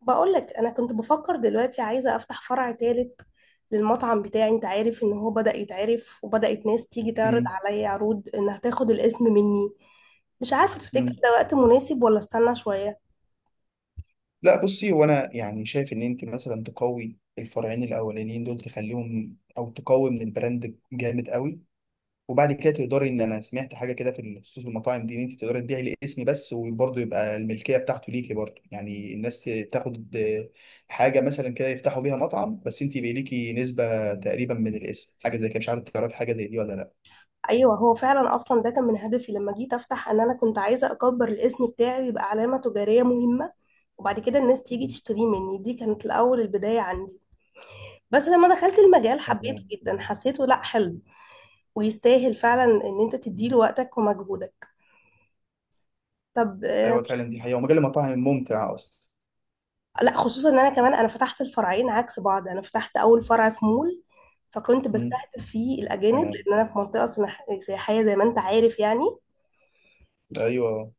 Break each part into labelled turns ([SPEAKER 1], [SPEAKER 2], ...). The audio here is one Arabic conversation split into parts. [SPEAKER 1] بقولك انا كنت بفكر دلوقتي عايزه افتح فرع تالت للمطعم بتاعي. انت عارف ان هو بدأ يتعرف وبدأت ناس تيجي تعرض
[SPEAKER 2] مم.
[SPEAKER 1] عليا عروض انها تاخد الاسم مني. مش عارفه، تفتكر
[SPEAKER 2] مم.
[SPEAKER 1] ده وقت مناسب ولا استنى شويه؟
[SPEAKER 2] لا، بصي، هو انا يعني شايف ان انت مثلا تقوي الفرعين الاولانيين دول تخليهم، او تقوي من البراند جامد قوي. وبعد كده تقدري، ان انا سمعت حاجه كده في خصوص المطاعم دي ان انت تقدري تبيعي الاسم بس وبرضه يبقى الملكيه بتاعته ليكي، برضه يعني الناس تاخد حاجه مثلا كده يفتحوا بيها مطعم بس انت يبقى ليكي نسبه تقريبا من الاسم، حاجه زي كده. مش عارف، تعرفي حاجه زي دي ولا لا؟
[SPEAKER 1] ايوه، هو فعلا اصلا ده كان من هدفي لما جيت افتح، ان انا كنت عايزه اكبر الاسم بتاعي يبقى علامه تجاريه مهمه، وبعد كده الناس تيجي
[SPEAKER 2] مم.
[SPEAKER 1] تشتريه مني. دي كانت الاول البدايه عندي. بس لما دخلت المجال حبيته
[SPEAKER 2] تمام.
[SPEAKER 1] جدا، حسيته لا حلو ويستاهل فعلا ان انت تديله
[SPEAKER 2] مم.
[SPEAKER 1] وقتك ومجهودك. طب
[SPEAKER 2] ايوه فعلا، دي حقيقه ومجال المطاعم ممتع اصلا.
[SPEAKER 1] لا، خصوصا ان انا كمان انا فتحت الفرعين عكس بعض. انا فتحت اول فرع في مول، فكنت
[SPEAKER 2] مم.
[SPEAKER 1] بستهدف فيه الاجانب،
[SPEAKER 2] تمام.
[SPEAKER 1] لان انا في منطقه سياحيه زي ما انت عارف يعني.
[SPEAKER 2] ايوه.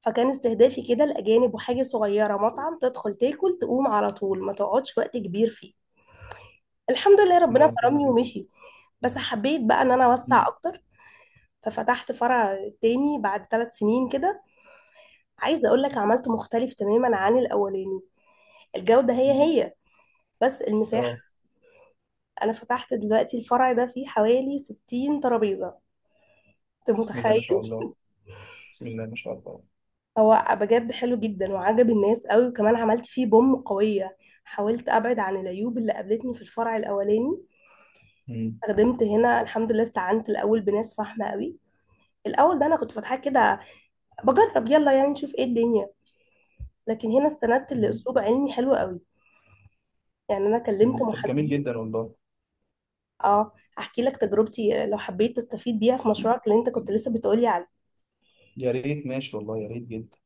[SPEAKER 1] فكان استهدافي كده الاجانب، وحاجه صغيره مطعم تدخل تاكل تقوم على طول، ما تقعدش وقت كبير فيه. الحمد لله ربنا
[SPEAKER 2] اه، حلو
[SPEAKER 1] كرمني
[SPEAKER 2] جدا.
[SPEAKER 1] ومشي. بس حبيت بقى ان انا اوسع
[SPEAKER 2] مم.
[SPEAKER 1] اكتر. ففتحت فرع تاني بعد 3 سنين كده. عايزه اقول لك عملته مختلف تماما عن الاولاني. الجوده هي
[SPEAKER 2] مم.
[SPEAKER 1] هي، بس
[SPEAKER 2] اه،
[SPEAKER 1] المساحه. انا فتحت دلوقتي الفرع ده فيه حوالي 60 ترابيزة. انت
[SPEAKER 2] بسم الله ما
[SPEAKER 1] متخيل؟
[SPEAKER 2] شاء الله. بسم الله ما شاء الله.
[SPEAKER 1] هو بجد حلو جدا وعجب الناس قوي، وكمان عملت فيه بوم قوية. حاولت ابعد عن العيوب اللي قابلتني في الفرع الاولاني.
[SPEAKER 2] مم.
[SPEAKER 1] خدمت هنا الحمد لله، استعنت الاول بناس فاهمة قوي. الاول ده انا كنت فاتحاه كده بجرب، يلا يعني نشوف ايه الدنيا. لكن هنا استندت
[SPEAKER 2] مم.
[SPEAKER 1] لاسلوب علمي حلو قوي. يعني انا
[SPEAKER 2] مم.
[SPEAKER 1] كلمت
[SPEAKER 2] طب جميل
[SPEAKER 1] محاسبين.
[SPEAKER 2] جدا والله.
[SPEAKER 1] اه، احكي لك تجربتي لو حبيت تستفيد بيها في
[SPEAKER 2] مم.
[SPEAKER 1] مشروعك اللي انت كنت لسه بتقولي عليه.
[SPEAKER 2] يا ريت، ماشي والله، يا ريت جدا.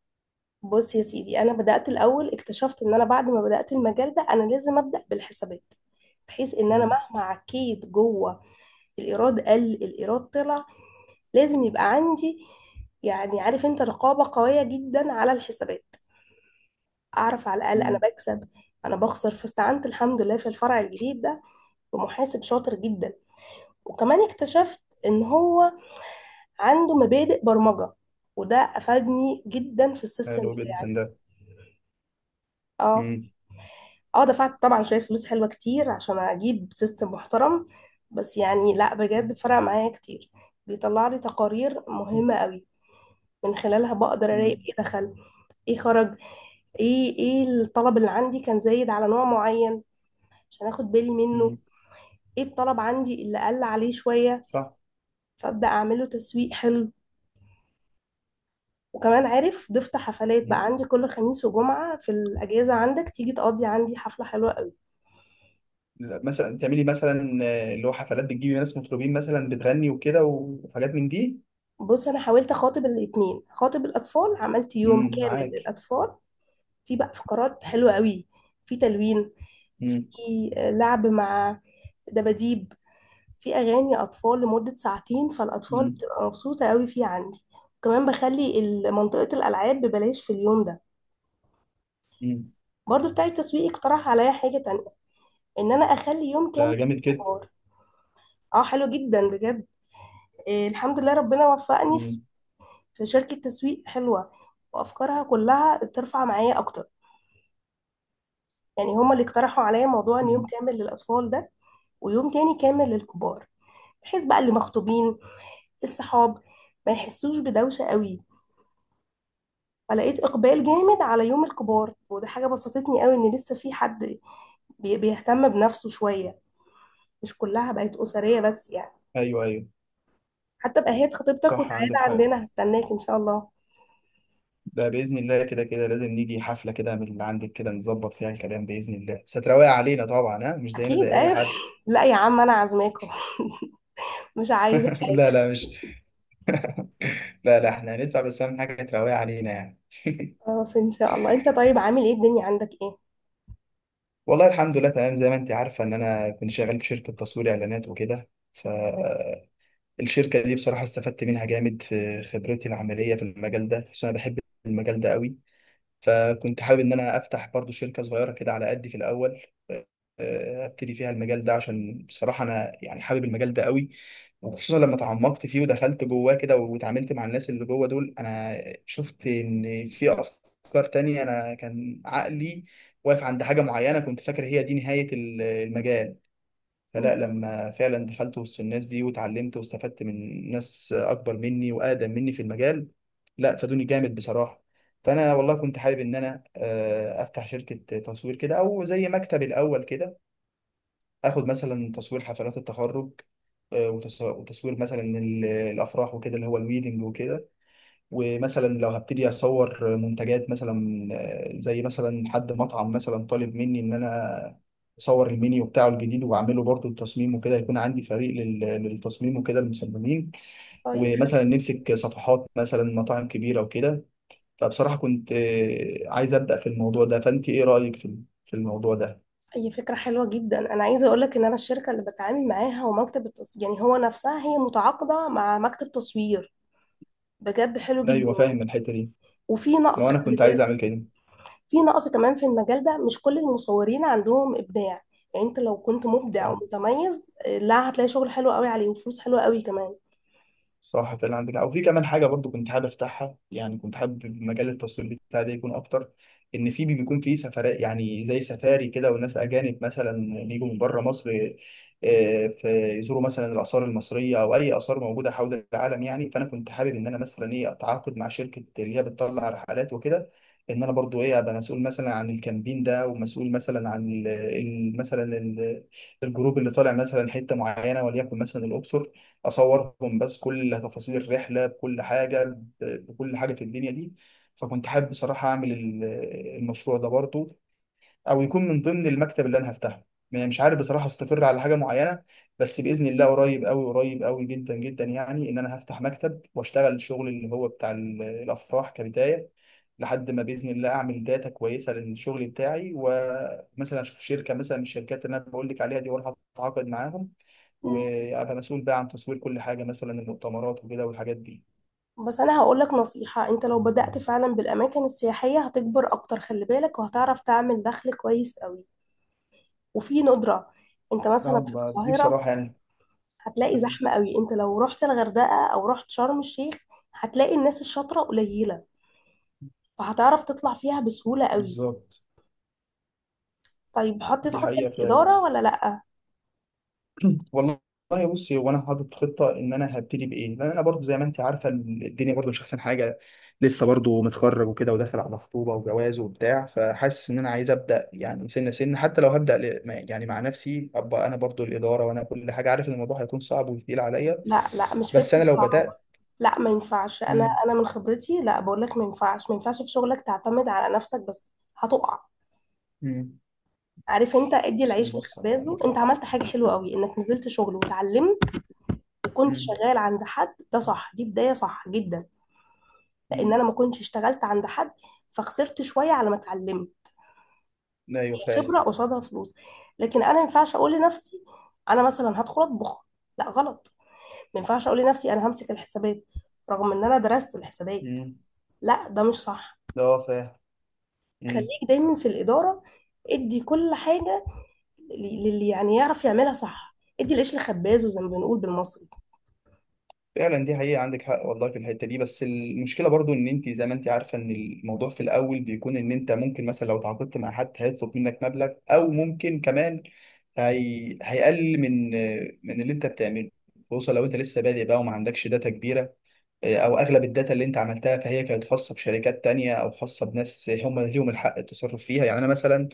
[SPEAKER 1] بص يا سيدي، انا بدات الاول اكتشفت ان انا بعد ما بدات المجال ده، انا لازم ابدا بالحسابات. بحيث ان انا
[SPEAKER 2] مم.
[SPEAKER 1] مهما عكيت جوه، الايراد قل الايراد طلع، لازم يبقى عندي، يعني عارف انت رقابه قويه جدا على الحسابات. اعرف على الاقل انا
[SPEAKER 2] مم.
[SPEAKER 1] بكسب انا بخسر. فاستعنت الحمد لله في الفرع الجديد ده بمحاسب شاطر جدا. وكمان اكتشفت ان هو عنده مبادئ برمجه، وده افادني جدا في السيستم
[SPEAKER 2] حلو جدا
[SPEAKER 1] بتاعي.
[SPEAKER 2] ده.
[SPEAKER 1] اه.
[SPEAKER 2] مم.
[SPEAKER 1] اه، دفعت طبعا شوية فلوس حلوة كتير عشان اجيب سيستم محترم. بس يعني لا بجد
[SPEAKER 2] مم.
[SPEAKER 1] فرق معايا كتير. بيطلع لي تقارير مهمة قوي، من خلالها بقدر اراقب
[SPEAKER 2] مم.
[SPEAKER 1] ايه دخل ايه خرج، ايه الطلب اللي عندي كان زايد على نوع معين عشان اخد بالي منه،
[SPEAKER 2] مم.
[SPEAKER 1] ايه الطلب عندي اللي قل عليه شوية،
[SPEAKER 2] صح.
[SPEAKER 1] فابدأ اعمله تسويق حلو. وكمان عارف، ضفت حفلات بقى
[SPEAKER 2] مم.
[SPEAKER 1] عندي كل خميس وجمعة، في الأجازة عندك تيجي تقضي عندي حفلة حلوة.
[SPEAKER 2] لا، مثلا تعملي مثلا اللي هو حفلات بتجيبي ناس مطربين مثلا بتغني وكده وحاجات من دي.
[SPEAKER 1] بص، انا حاولت اخاطب الاتنين، خاطب الاطفال عملت يوم
[SPEAKER 2] مم.
[SPEAKER 1] كامل
[SPEAKER 2] معاك.
[SPEAKER 1] للاطفال. في بقى فقرات حلوه قوي، في تلوين،
[SPEAKER 2] مم.
[SPEAKER 1] في لعب مع دباديب، في اغاني اطفال لمده ساعتين، فالاطفال
[SPEAKER 2] مم.
[SPEAKER 1] بتبقى مبسوطه قوي فيه عندي. وكمان بخلي منطقه الالعاب ببلاش في اليوم ده.
[SPEAKER 2] مم.
[SPEAKER 1] برضو بتاع التسويق اقترح عليا حاجه تانية، ان انا اخلي يوم
[SPEAKER 2] ده
[SPEAKER 1] كامل
[SPEAKER 2] جامد جدا.
[SPEAKER 1] للكبار. اه حلو جدا بجد. الحمد لله ربنا وفقني
[SPEAKER 2] مم.
[SPEAKER 1] في شركة تسويق حلوة، وأفكارها كلها ترفع معايا أكتر. يعني هما اللي اقترحوا عليا موضوع إن يوم
[SPEAKER 2] مم.
[SPEAKER 1] كامل للأطفال ده، ويوم تاني كامل للكبار، بحيث بقى اللي مخطوبين الصحاب ما يحسوش بدوشة قوي. فلقيت إقبال
[SPEAKER 2] مم.
[SPEAKER 1] جامد على يوم الكبار، وده حاجة بسطتني قوي إن لسه في حد بيهتم بنفسه شوية، مش كلها بقت أسرية بس يعني.
[SPEAKER 2] ايوه، ايوه.
[SPEAKER 1] حتى بقى خطيبتك
[SPEAKER 2] صح،
[SPEAKER 1] وتعالى
[SPEAKER 2] عندك حق.
[SPEAKER 1] عندنا هستناك إن شاء الله.
[SPEAKER 2] ده بإذن الله كده كده لازم نيجي حفلة كده من اللي عندك، كده نظبط فيها الكلام بإذن الله. ستراوي علينا طبعا، ها؟ مش زينا
[SPEAKER 1] أكيد
[SPEAKER 2] زي أي
[SPEAKER 1] أيوه.
[SPEAKER 2] حد.
[SPEAKER 1] لا يا عم، أنا عازماكم، مش عايزة.
[SPEAKER 2] لا، لا، مش... لا، لا، احنا هندفع، بس أهم حاجة تراوي علينا يعني.
[SPEAKER 1] خلاص ان شاء الله. انت طيب، عامل ايه، الدنيا عندك ايه؟
[SPEAKER 2] والله الحمد لله تمام. زي ما أنت عارفة إن أنا كنت شغال في شركة تصوير إعلانات وكده، فالشركة دي بصراحة استفدت منها جامد في خبرتي العملية في المجال ده، خصوصا أنا بحب المجال ده قوي. فكنت حابب إن أنا أفتح برضو شركة صغيرة كده على قدي في الأول، ابتدي فيها المجال ده، عشان بصراحة أنا يعني حابب المجال ده قوي. وخصوصا لما تعمقت فيه ودخلت جواه كده واتعاملت مع الناس اللي جوه دول، انا شفت ان في افكار تانية. انا كان عقلي واقف عند حاجة معينة، كنت فاكر هي دي نهاية المجال. فلا،
[SPEAKER 1] مم.
[SPEAKER 2] لما فعلا دخلت وسط الناس دي واتعلمت واستفدت من ناس اكبر مني واقدم مني في المجال، لا، فادوني جامد بصراحة. فانا والله كنت حابب ان انا افتح شركة تصوير كده او زي مكتب الاول كده. اخد مثلا تصوير حفلات التخرج، وتصوير مثلا الافراح وكده، اللي هو الويدنج وكده. ومثلا لو هبتدي اصور منتجات مثلا، زي مثلا حد مطعم مثلا طالب مني ان انا اصور المنيو بتاعه الجديد، واعمله برضه التصميم وكده. يكون عندي فريق للتصميم وكده المصممين.
[SPEAKER 1] طيب حلو.
[SPEAKER 2] ومثلا نمسك صفحات مثلا مطاعم كبيره وكده. فبصراحه كنت عايز ابدا في الموضوع ده. فانت ايه رايك في الموضوع ده؟
[SPEAKER 1] اي فكره حلوه جدا، انا عايزه اقول لك ان انا الشركه اللي بتعامل معاها ومكتب التصوير، يعني هو نفسها هي متعاقده مع مكتب تصوير. بجد حلو جدا.
[SPEAKER 2] ايوه، فاهم الحته دي.
[SPEAKER 1] وفي نقص
[SPEAKER 2] لو انا
[SPEAKER 1] خلي
[SPEAKER 2] كنت عايز
[SPEAKER 1] بالك،
[SPEAKER 2] اعمل كده.
[SPEAKER 1] في نقص كمان في المجال ده، مش كل المصورين عندهم ابداع. يعني انت لو كنت مبدع
[SPEAKER 2] صح.
[SPEAKER 1] ومتميز، لا هتلاقي شغل حلو قوي عليه وفلوس حلوه قوي كمان.
[SPEAKER 2] صح، فعلا عندك حق. وفي كمان حاجه برضو كنت حابب افتحها، يعني كنت حابب مجال التصوير بتاعي ده يكون اكتر، ان في بيكون في سفرات، يعني زي سفاري كده، والناس اجانب مثلا بيجوا من بره مصر، فيزوروا مثلا الاثار المصريه او اي اثار موجوده حول العالم يعني. فانا كنت حابب ان انا مثلا ايه، اتعاقد مع شركه اللي هي بتطلع رحلات وكده، ان انا برضو ايه، ابقى مسؤول مثلا عن الكامبين ده، ومسؤول مثلا عن الجروب اللي طالع مثلا حته معينه، وليكن مثلا الاقصر. اصورهم بس، كل تفاصيل الرحله بكل حاجه، بكل حاجه في الدنيا دي. فكنت حابب بصراحه اعمل المشروع ده برضه، او يكون من ضمن المكتب اللي انا هفتحه. يعني مش عارف بصراحه استقر على حاجه معينه، بس باذن الله قريب قوي قريب قوي جدا جدا، يعني ان انا هفتح مكتب واشتغل الشغل اللي هو بتاع الافراح كبدايه، لحد ما باذن الله اعمل داتا كويسه للشغل بتاعي، ومثلا اشوف شركه مثلا من الشركات اللي انا بقول لك عليها دي واروح اتعاقد معاهم،
[SPEAKER 1] مم.
[SPEAKER 2] وابقى مسؤول بقى عن تصوير كل حاجه، مثلا المؤتمرات وكده والحاجات دي.
[SPEAKER 1] بس انا هقول لك نصيحة، انت لو بدأت فعلا بالاماكن السياحية هتكبر اكتر خلي بالك، وهتعرف تعمل دخل كويس قوي. وفي ندرة، انت مثلا
[SPEAKER 2] اه،
[SPEAKER 1] في
[SPEAKER 2] ما دي
[SPEAKER 1] القاهرة
[SPEAKER 2] بصراحه يعني.
[SPEAKER 1] هتلاقي
[SPEAKER 2] مم.
[SPEAKER 1] زحمة قوي، انت لو رحت الغردقة او رحت شرم الشيخ هتلاقي الناس الشاطرة قليلة، فهتعرف تطلع فيها بسهولة قوي.
[SPEAKER 2] بالظبط.
[SPEAKER 1] طيب حطيت
[SPEAKER 2] دي
[SPEAKER 1] خطة
[SPEAKER 2] حقيقه فعلا.
[SPEAKER 1] للإدارة ولا لأ؟
[SPEAKER 2] والله، والله بصي، هو انا حاطط خطه ان انا هبتدي بايه، لان انا برضو زي ما انت عارفه الدنيا برضو مش احسن حاجه. لسه برضو متخرج وكده، وداخل على خطوبه وجواز وبتاع، فحاسس ان انا عايز ابدا يعني سنه سنه، حتى لو هبدا يعني مع نفسي ابقى انا برضو الاداره وانا كل حاجه، عارف ان الموضوع هيكون صعب وتقيل عليا.
[SPEAKER 1] لا لا، مش
[SPEAKER 2] بس
[SPEAKER 1] فكرة
[SPEAKER 2] انا لو
[SPEAKER 1] صعبة.
[SPEAKER 2] بدات،
[SPEAKER 1] لا، ما ينفعش، انا
[SPEAKER 2] امم
[SPEAKER 1] انا من خبرتي، لا بقول لك، ما ينفعش، ما ينفعش في شغلك تعتمد على نفسك بس. هتقع.
[SPEAKER 2] امم
[SPEAKER 1] عارف انت، ادي
[SPEAKER 2] بس
[SPEAKER 1] العيش
[SPEAKER 2] بص،
[SPEAKER 1] لخبازه.
[SPEAKER 2] عندك
[SPEAKER 1] انت
[SPEAKER 2] حق.
[SPEAKER 1] عملت حاجة حلوة قوي، انك نزلت شغل وتعلمت وكنت
[SPEAKER 2] مم.
[SPEAKER 1] شغال عند حد، ده صح، دي بداية صح جدا. لان
[SPEAKER 2] مم.
[SPEAKER 1] انا ما كنتش اشتغلت عند حد، فخسرت شويه على ما اتعلمت.
[SPEAKER 2] ايوه
[SPEAKER 1] هي خبره
[SPEAKER 2] فاهم.
[SPEAKER 1] قصادها فلوس. لكن انا ما ينفعش اقول لنفسي انا مثلا هدخل اطبخ، لا غلط. ما ينفعش اقول لنفسي انا همسك الحسابات، رغم ان انا درست الحسابات،
[SPEAKER 2] مم.
[SPEAKER 1] لا ده مش صح.
[SPEAKER 2] ده هو فاهم. مم.
[SPEAKER 1] خليك دايما في الاداره، ادي كل حاجه للي يعني يعرف يعملها صح، ادي القش لخبازه زي ما بنقول بالمصري.
[SPEAKER 2] فعلا دي حقيقة، عندك حق والله في الحتة دي. بس المشكلة برضو، ان انت زي ما انت عارفة، ان الموضوع في الاول بيكون ان انت ممكن مثلا لو تعاقدت مع حد هيطلب منك مبلغ، او ممكن كمان هيقل من اللي انت بتعمله، خصوصا لو انت لسه بادئ بقى وما عندكش داتا كبيرة، او اغلب الداتا اللي انت عملتها فهي كانت خاصه بشركات تانية، او خاصه بناس هم ليهم الحق التصرف فيها. يعني انا مثلا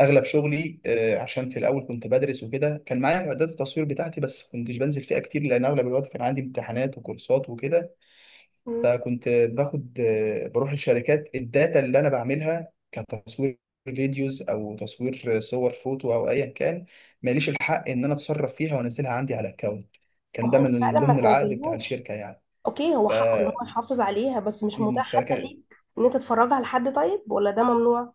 [SPEAKER 2] اغلب شغلي، عشان في الاول كنت بدرس وكده، كان معايا معدات التصوير بتاعتي بس كنتش بنزل فيها كتير، لان اغلب الوقت كان عندي امتحانات وكورسات وكده.
[SPEAKER 1] مم.
[SPEAKER 2] فكنت باخد آه، بروح للشركات. الداتا اللي انا بعملها كتصوير فيديوز او تصوير صور فوتو او ايا كان، ماليش الحق ان انا اتصرف فيها وانزلها عندي على اكونت.
[SPEAKER 1] ما
[SPEAKER 2] كان
[SPEAKER 1] هو
[SPEAKER 2] ده
[SPEAKER 1] انت
[SPEAKER 2] من
[SPEAKER 1] فعلا ما
[SPEAKER 2] ضمن العقد بتاع
[SPEAKER 1] تنزلهاش،
[SPEAKER 2] الشركه يعني.
[SPEAKER 1] اوكي هو حقه ان هو يحافظ عليها، بس مش
[SPEAKER 2] مم.
[SPEAKER 1] متاح حتى
[SPEAKER 2] فكان
[SPEAKER 1] ليك ان انت تتفرجها لحد، طيب ولا ده ممنوع؟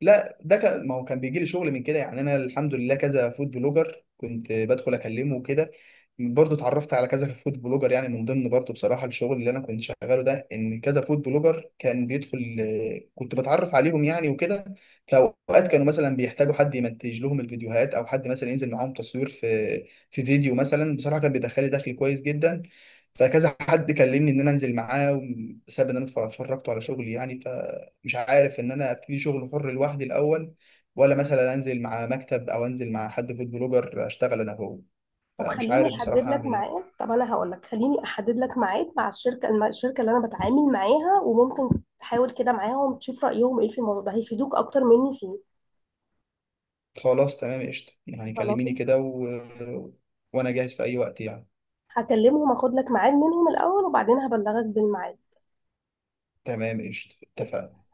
[SPEAKER 2] لا، ده كان، ما هو كان بيجي لي شغل من كده يعني. انا الحمد لله كذا فود بلوجر كنت بدخل اكلمه وكده، برضه اتعرفت على كذا فود بلوجر. يعني من ضمن برضه بصراحه الشغل اللي انا كنت شغاله ده، ان كذا فود بلوجر كان بيدخل، كنت بتعرف عليهم يعني وكده. فاوقات كانوا مثلا بيحتاجوا حد يمنتج لهم الفيديوهات، او حد مثلا ينزل معاهم تصوير في فيديو مثلا. بصراحه كان بيدخلي دخل كويس جدا. فكذا حد كلمني ان انا انزل معاه، بسبب ان انا اتفرجت على شغلي يعني. مش عارف ان انا ابتدي شغل حر لوحدي الاول، ولا مثلا انزل مع مكتب، او انزل مع حد فود بلوجر اشتغل انا هو.
[SPEAKER 1] طب
[SPEAKER 2] فمش
[SPEAKER 1] خليني
[SPEAKER 2] عارف
[SPEAKER 1] احدد
[SPEAKER 2] بصراحة
[SPEAKER 1] لك
[SPEAKER 2] اعمل ايه.
[SPEAKER 1] ميعاد، طب انا هقول لك، خليني احدد لك ميعاد مع الشركه الشركه اللي انا بتعامل معاها، وممكن تحاول كده معاهم تشوف رايهم ايه في الموضوع ده، هيفيدوك اكتر مني فيه.
[SPEAKER 2] خلاص تمام قشطة. يعني
[SPEAKER 1] خلاص،
[SPEAKER 2] كلميني كده وانا جاهز في اي وقت يعني.
[SPEAKER 1] هكلمهم اخد لك ميعاد منهم الاول وبعدين هبلغك بالميعاد.
[SPEAKER 2] تمام قشطة، اتفقنا.